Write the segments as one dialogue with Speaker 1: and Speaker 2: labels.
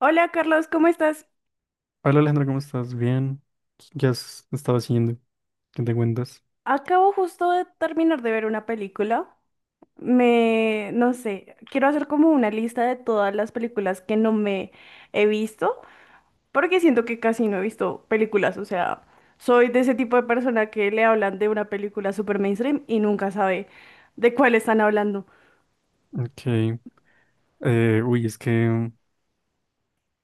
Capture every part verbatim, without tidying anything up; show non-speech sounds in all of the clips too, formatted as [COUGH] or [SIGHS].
Speaker 1: Hola Carlos, ¿cómo estás?
Speaker 2: Hola Alejandra, ¿cómo estás? Bien. ¿Qué has estado haciendo? ¿Qué te cuentas?
Speaker 1: Acabo justo de terminar de ver una película. Me, no sé, quiero hacer como una lista de todas las películas que no me he visto, porque siento que casi no he visto películas, o sea, soy de ese tipo de persona que le hablan de una película super mainstream y nunca sabe de cuál están hablando.
Speaker 2: Ok. Eh, uy, es que,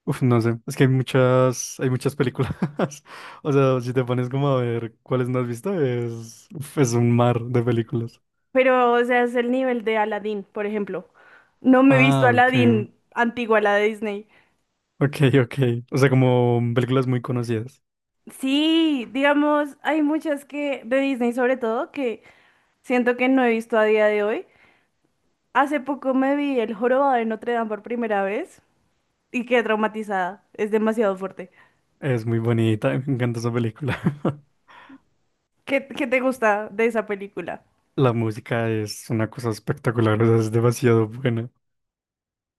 Speaker 2: uf, no sé, es que hay muchas, hay muchas películas. [LAUGHS] O sea, si te pones como a ver cuáles no has visto, es, uf, es un mar de películas.
Speaker 1: Pero, o sea, es el nivel de Aladdin, por ejemplo. No me he visto
Speaker 2: Ah, ok.
Speaker 1: Aladdin antigua, la de Disney.
Speaker 2: Ok, ok. O sea, como películas muy conocidas.
Speaker 1: Sí, digamos, hay muchas que de Disney sobre todo que siento que no he visto a día de hoy. Hace poco me vi El Jorobado de Notre Dame por primera vez y quedé traumatizada. Es demasiado fuerte.
Speaker 2: Es muy bonita, me encanta esa película. [LAUGHS]
Speaker 1: ¿Qué, qué te gusta de esa película?
Speaker 2: La música es una cosa espectacular, o sea, es demasiado buena.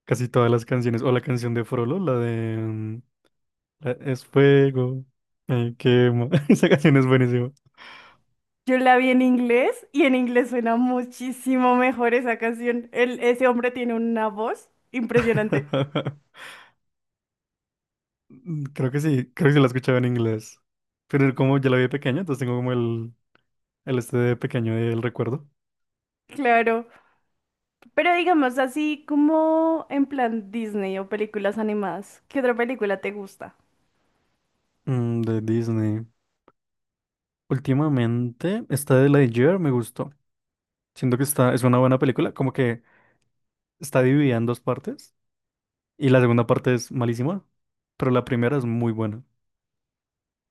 Speaker 2: Casi todas las canciones, o la canción de Frollo, la de... mm, Eh, Es fuego, me quema. [LAUGHS] Esa canción es buenísima.
Speaker 1: Yo la vi en inglés y en inglés suena muchísimo mejor esa canción. El, ese hombre tiene una voz impresionante.
Speaker 2: [LAUGHS] Creo que sí, creo que sí la escuchaba en inglés. Pero como ya la vi de pequeño, entonces tengo como el, el este de pequeño del recuerdo.
Speaker 1: Claro. Pero digamos así como en plan Disney o películas animadas. ¿Qué otra película te gusta?
Speaker 2: Mm, de Disney. Últimamente, esta de Lightyear me gustó. Siento que está, es una buena película, como que está dividida en dos partes. Y la segunda parte es malísima, pero la primera es muy buena.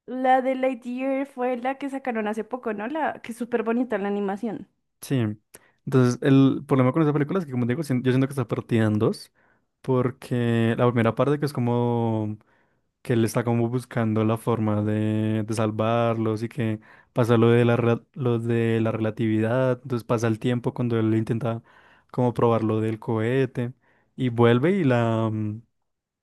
Speaker 1: La de Lightyear fue la que sacaron hace poco, ¿no? La que es súper bonita la animación.
Speaker 2: Sí. Entonces, el problema con esa película es que, como digo, sien- yo siento que está partida en dos, porque la primera parte que es como que él está como buscando la forma de, de salvarlos y que pasa lo de la, re- lo de la relatividad, entonces pasa el tiempo cuando él intenta como probar lo del cohete y vuelve y la, mm,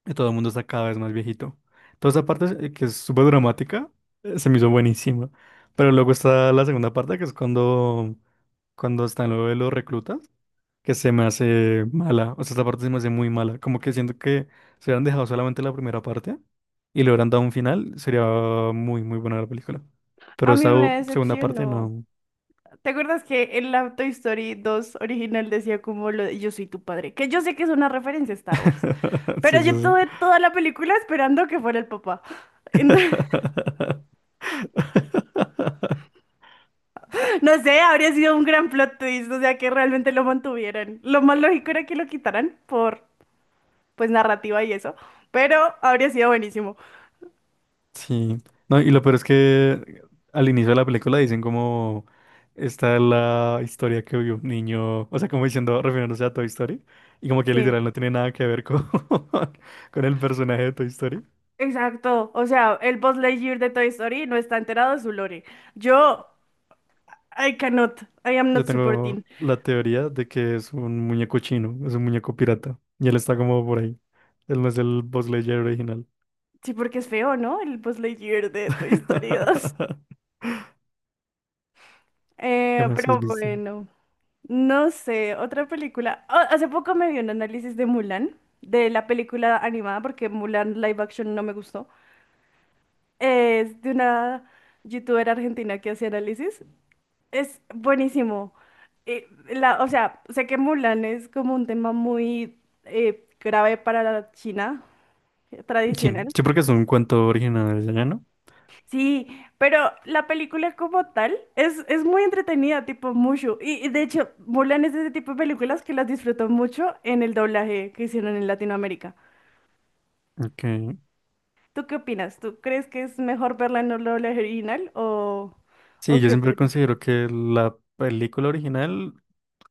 Speaker 2: y todo el mundo está cada vez más viejito. Toda esa parte eh, que es súper dramática, eh, se me hizo buenísima. Pero luego está la segunda parte, que es cuando, cuando están lo de los reclutas, que se me hace mala. O sea, esta parte se me hace muy mala. Como que siento que si hubieran dejado solamente la primera parte y le hubieran dado un final, sería muy, muy buena la película. Pero
Speaker 1: A mí
Speaker 2: esa u-
Speaker 1: me
Speaker 2: segunda parte
Speaker 1: decepcionó.
Speaker 2: no.
Speaker 1: ¿Te acuerdas que en la Toy Story dos original decía como lo de yo soy tu padre? Que yo sé que es una referencia a Star Wars,
Speaker 2: [LAUGHS] Sí,
Speaker 1: pero yo
Speaker 2: sí,
Speaker 1: tuve toda la película esperando que fuera el papá.
Speaker 2: sí.
Speaker 1: Entonces,
Speaker 2: [LAUGHS]
Speaker 1: [LAUGHS] no sé, habría sido un gran plot twist, o sea, que realmente lo mantuvieran. Lo más lógico era que lo quitaran por, pues, narrativa y eso, pero habría sido buenísimo.
Speaker 2: Sí, no, y lo peor es que al inicio de la película dicen como esta es la historia que vio un niño, o sea, como diciendo, refiriéndose a Toy Story, y como que
Speaker 1: Sí,
Speaker 2: literal no tiene nada que ver con, [LAUGHS] con el personaje de Toy Story.
Speaker 1: exacto. O sea, el Buzz Lightyear de Toy Story no está enterado de su lore. Yo, I cannot, I am
Speaker 2: Yo
Speaker 1: not
Speaker 2: tengo
Speaker 1: supporting.
Speaker 2: la teoría de que es un muñeco chino, es un muñeco pirata, y él está como por ahí. Él no es el Buzz Lightyear original.
Speaker 1: Sí, porque es feo, ¿no? El Buzz Lightyear de Toy Story dos.
Speaker 2: [LAUGHS] ¿Qué
Speaker 1: Eh,
Speaker 2: más has
Speaker 1: pero
Speaker 2: visto?
Speaker 1: bueno, no sé, otra película. Ah, hace poco me vi un análisis de Mulan, de la película animada, porque Mulan live action no me gustó. Es de una youtuber argentina que hace análisis. Es buenísimo. Eh, la, o sea, sé que Mulan es como un tema muy eh, grave para la China eh,
Speaker 2: Sí,
Speaker 1: tradicional.
Speaker 2: sí, porque es un cuento original de allá, ¿no?
Speaker 1: Sí, pero la película como tal es, es muy entretenida, tipo Mushu. Y, y de hecho, Mulan es de ese tipo de películas que las disfruto mucho en el doblaje que hicieron en Latinoamérica.
Speaker 2: Ok.
Speaker 1: ¿Tú qué opinas? ¿Tú crees que es mejor verla en el doblaje original o, o
Speaker 2: Sí, yo
Speaker 1: qué
Speaker 2: siempre
Speaker 1: opinas?
Speaker 2: considero que la película original,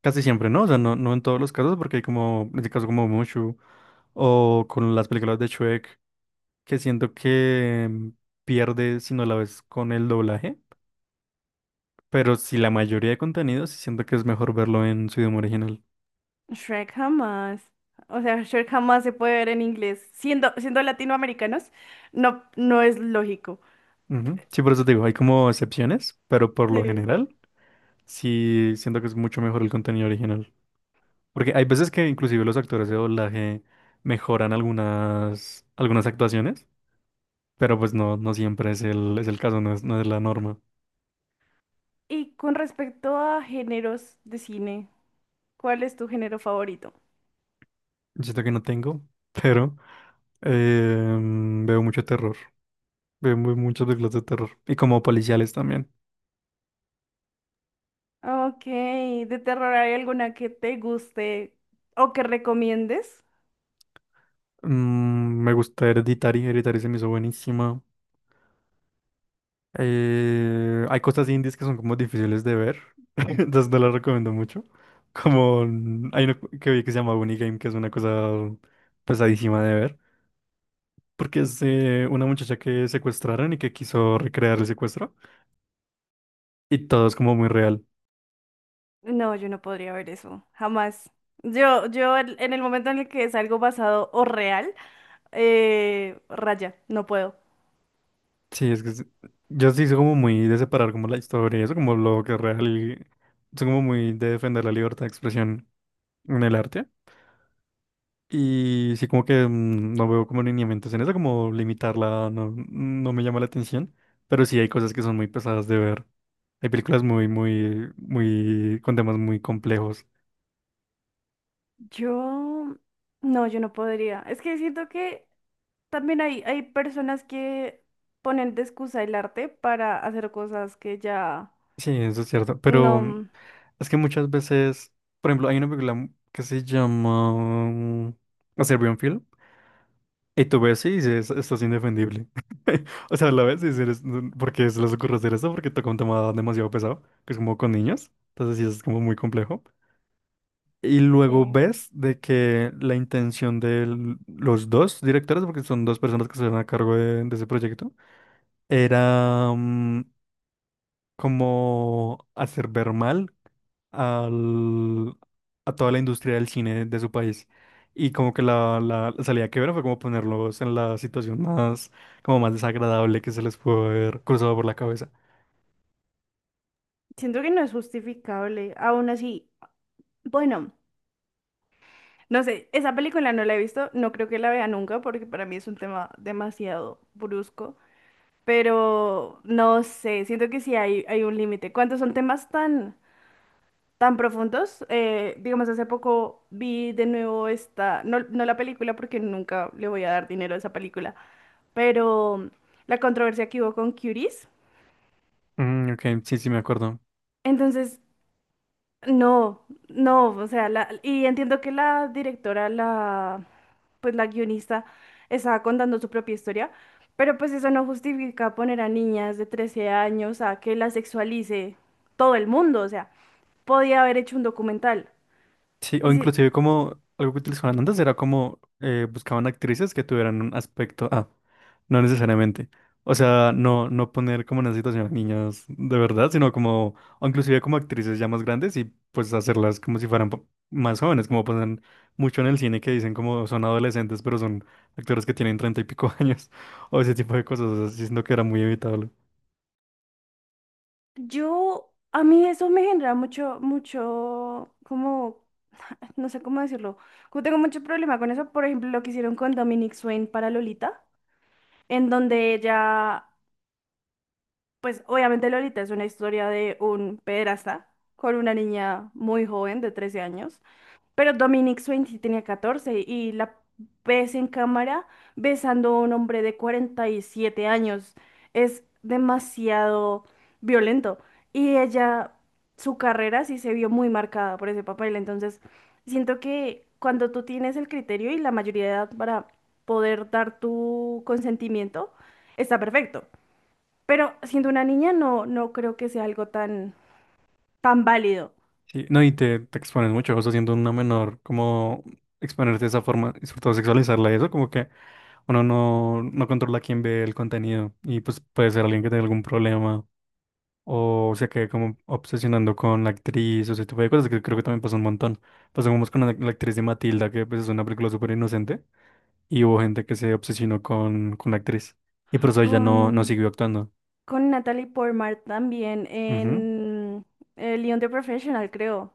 Speaker 2: casi siempre, ¿no? O sea, no, no en todos los casos, porque hay como, en este caso como Mushu, o con las películas de Shrek, que siento que mm, pierde si no la ves con el doblaje, pero si la mayoría de contenidos, sí siento que es mejor verlo en su idioma original.
Speaker 1: Shrek jamás. O sea, Shrek jamás se puede ver en inglés. Siendo, siendo latinoamericanos, no, no es lógico.
Speaker 2: Ujú. Sí, por eso te digo, hay como excepciones, pero por lo
Speaker 1: Sí.
Speaker 2: general, sí siento que es mucho mejor el contenido original. Porque hay veces que inclusive los actores de doblaje mejoran algunas, algunas actuaciones. Pero pues no, no siempre es el, es el caso, no es, no es la norma.
Speaker 1: Y con respecto a géneros de cine, ¿cuál es tu género favorito?
Speaker 2: Yo siento que no tengo, [LAUGHS] pero em, veo mucho terror. Veo mu- muchas películas de terror. Y como policiales también.
Speaker 1: Ok, ¿de terror hay alguna que te guste o que recomiendes?
Speaker 2: Mm, me gusta Hereditary, Hereditary se me hizo buenísima. Eh, hay cosas indies que son como difíciles de ver, [LAUGHS] entonces no las recomiendo mucho. Como mm, hay una que vi que se llama Bunny Game, que es una cosa pesadísima de ver. Porque es eh, una muchacha que secuestraron y que quiso recrear el secuestro. Y todo es como muy real.
Speaker 1: No, yo no podría ver eso, jamás. Yo, yo en en el momento en el que es algo basado o real, eh, raya, no puedo.
Speaker 2: Sí, es que es- yo sí soy como muy de separar como la historia y eso, como lo que es real y soy como muy de defender la libertad de expresión en el arte. Y sí como que mm, no veo como lineamientos en eso, como limitarla no, no me llama la atención, pero sí hay cosas que son muy pesadas de ver. Hay películas muy, muy, muy, con temas muy complejos.
Speaker 1: Yo, no, yo no podría. Es que siento que también hay, hay personas que ponen de excusa el arte para hacer cosas que ya
Speaker 2: Sí, eso es cierto, pero mm,
Speaker 1: no,
Speaker 2: es que muchas veces, por ejemplo, hay una película que se llama mm, A Serbian Film. Y tú ves, sí, dices, esto es indefendible. [LAUGHS] O sea, la ves y dices, porque se les ocurre hacer eso? Porque toca un tema demasiado pesado, que es como con niños. Entonces sí, es como muy complejo. Y luego
Speaker 1: eh,
Speaker 2: ves de que la intención de los dos directores, porque son dos personas que estuvieron a cargo de, de ese proyecto, era mm, como hacer ver mal al- a toda la industria del cine de su país. Y como que la, la, la salida que vieron fue como ponerlos en la situación más, como más desagradable que se les pudo haber cruzado por la cabeza.
Speaker 1: siento que no es justificable. Aún así, bueno. No sé, esa película no la he visto, no creo que la vea nunca porque para mí es un tema demasiado brusco, pero no sé, siento que sí hay, hay un límite. Cuando son temas tan, tan profundos, eh, digamos, hace poco vi de nuevo esta, no, no la película porque nunca le voy a dar dinero a esa película, pero la controversia que hubo con Curies.
Speaker 2: Mm, ok, sí, sí, me acuerdo.
Speaker 1: Entonces No, no, o sea, la, y entiendo que la directora, la, pues la guionista, estaba contando su propia historia, pero pues eso no justifica poner a niñas de trece años a que la sexualice todo el mundo, o sea, podía haber hecho un documental.
Speaker 2: Sí,
Speaker 1: Y
Speaker 2: o
Speaker 1: si-
Speaker 2: inclusive como algo que utilizaban antes era como eh, buscaban actrices que tuvieran un aspecto. Ah, no necesariamente. O sea, no, no poner como en una situación a niñas de verdad, sino como, o inclusive como actrices ya más grandes y pues hacerlas como si fueran po- más jóvenes, como pasan mucho en el cine que dicen como son adolescentes, pero son actores que tienen treinta y pico [LAUGHS] años, o ese tipo de cosas, o sea, sí siento que era muy evitable.
Speaker 1: yo, a mí eso me genera mucho, mucho, como, [SIGHS] [LAUGHS] no sé cómo decirlo, como tengo mucho problema con eso, por ejemplo, lo que hicieron con Dominic Swain para Lolita en donde ella pues obviamente Lolita es una historia de un pederasta con una niña muy joven de trece años, pero Dominic Swain sí tenía catorce y la ves en cámara besando a un hombre de cuarenta y siete años. Es demasiado violento y ella, su carrera sí se vio muy marcada por ese papel, entonces siento que cuando tú tienes el criterio y la mayoría de edad para poder dar tu consentimiento, está perfecto. Pero siendo una niña no, no creo que sea algo tan, tan válido.
Speaker 2: Sí, no, y te, te expones mucho, o sea, siendo una menor, como exponerte de esa forma, y sobre todo sexualizarla y eso, como que uno no, no controla quién ve el contenido y pues puede ser alguien que tenga algún problema o se quede como obsesionando con la actriz, o ese tipo de cosas que creo que también pasa un montón. Pasó como con la, la actriz de Matilda, que pues es una película súper inocente, y hubo gente que se obsesionó con, con la actriz, y por eso ella no, no
Speaker 1: Con,
Speaker 2: siguió actuando.
Speaker 1: con Natalie Portman también
Speaker 2: Ujú,
Speaker 1: en el Leon the Professional, creo.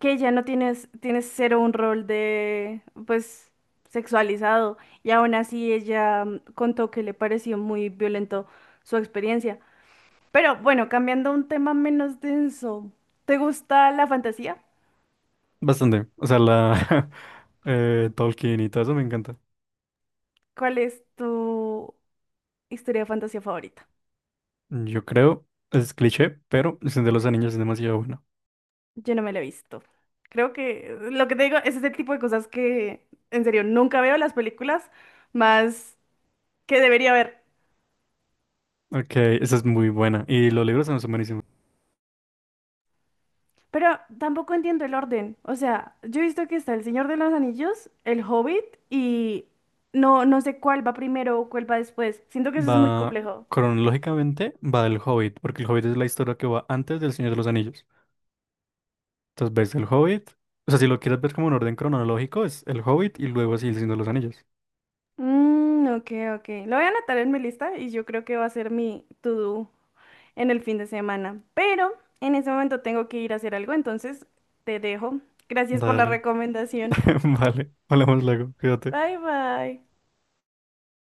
Speaker 1: Que ya no tienes, tienes cero un rol de, pues, sexualizado. Y aún así ella mm, contó que le pareció muy violento su experiencia. Pero bueno, cambiando a un tema menos denso. ¿Te gusta la fantasía?
Speaker 2: bastante. O sea, la [LAUGHS] eh, Tolkien y todo eso me encanta.
Speaker 1: ¿Cuál es tu historia de fantasía favorita?
Speaker 2: Yo creo, es cliché, pero El Señor de los Anillos es demasiado bueno.
Speaker 1: Yo no me la he visto. Creo que lo que te digo es ese tipo de cosas que en serio nunca veo las películas más que debería ver.
Speaker 2: Ok, esa es muy buena. Y los libros son son buenísimos.
Speaker 1: Pero tampoco entiendo el orden. O sea, yo he visto que está El Señor de los Anillos, El Hobbit y no, no sé cuál va primero o cuál va después. Siento que eso es muy
Speaker 2: Va,
Speaker 1: complejo.
Speaker 2: cronológicamente va El Hobbit, porque El Hobbit es la historia que va antes del Señor de los Anillos. Entonces ves El Hobbit. O sea, si lo quieres ver como en orden cronológico, es El Hobbit y luego así El Señor de los Anillos.
Speaker 1: Mm, ok, ok. Lo voy a anotar en mi lista y yo creo que va a ser mi to-do en el fin de semana. Pero en ese momento tengo que ir a hacer algo, entonces te dejo. Gracias por la
Speaker 2: Dale.
Speaker 1: recomendación.
Speaker 2: [LAUGHS] Vale. Hablamos luego. Cuídate.
Speaker 1: Bye bye.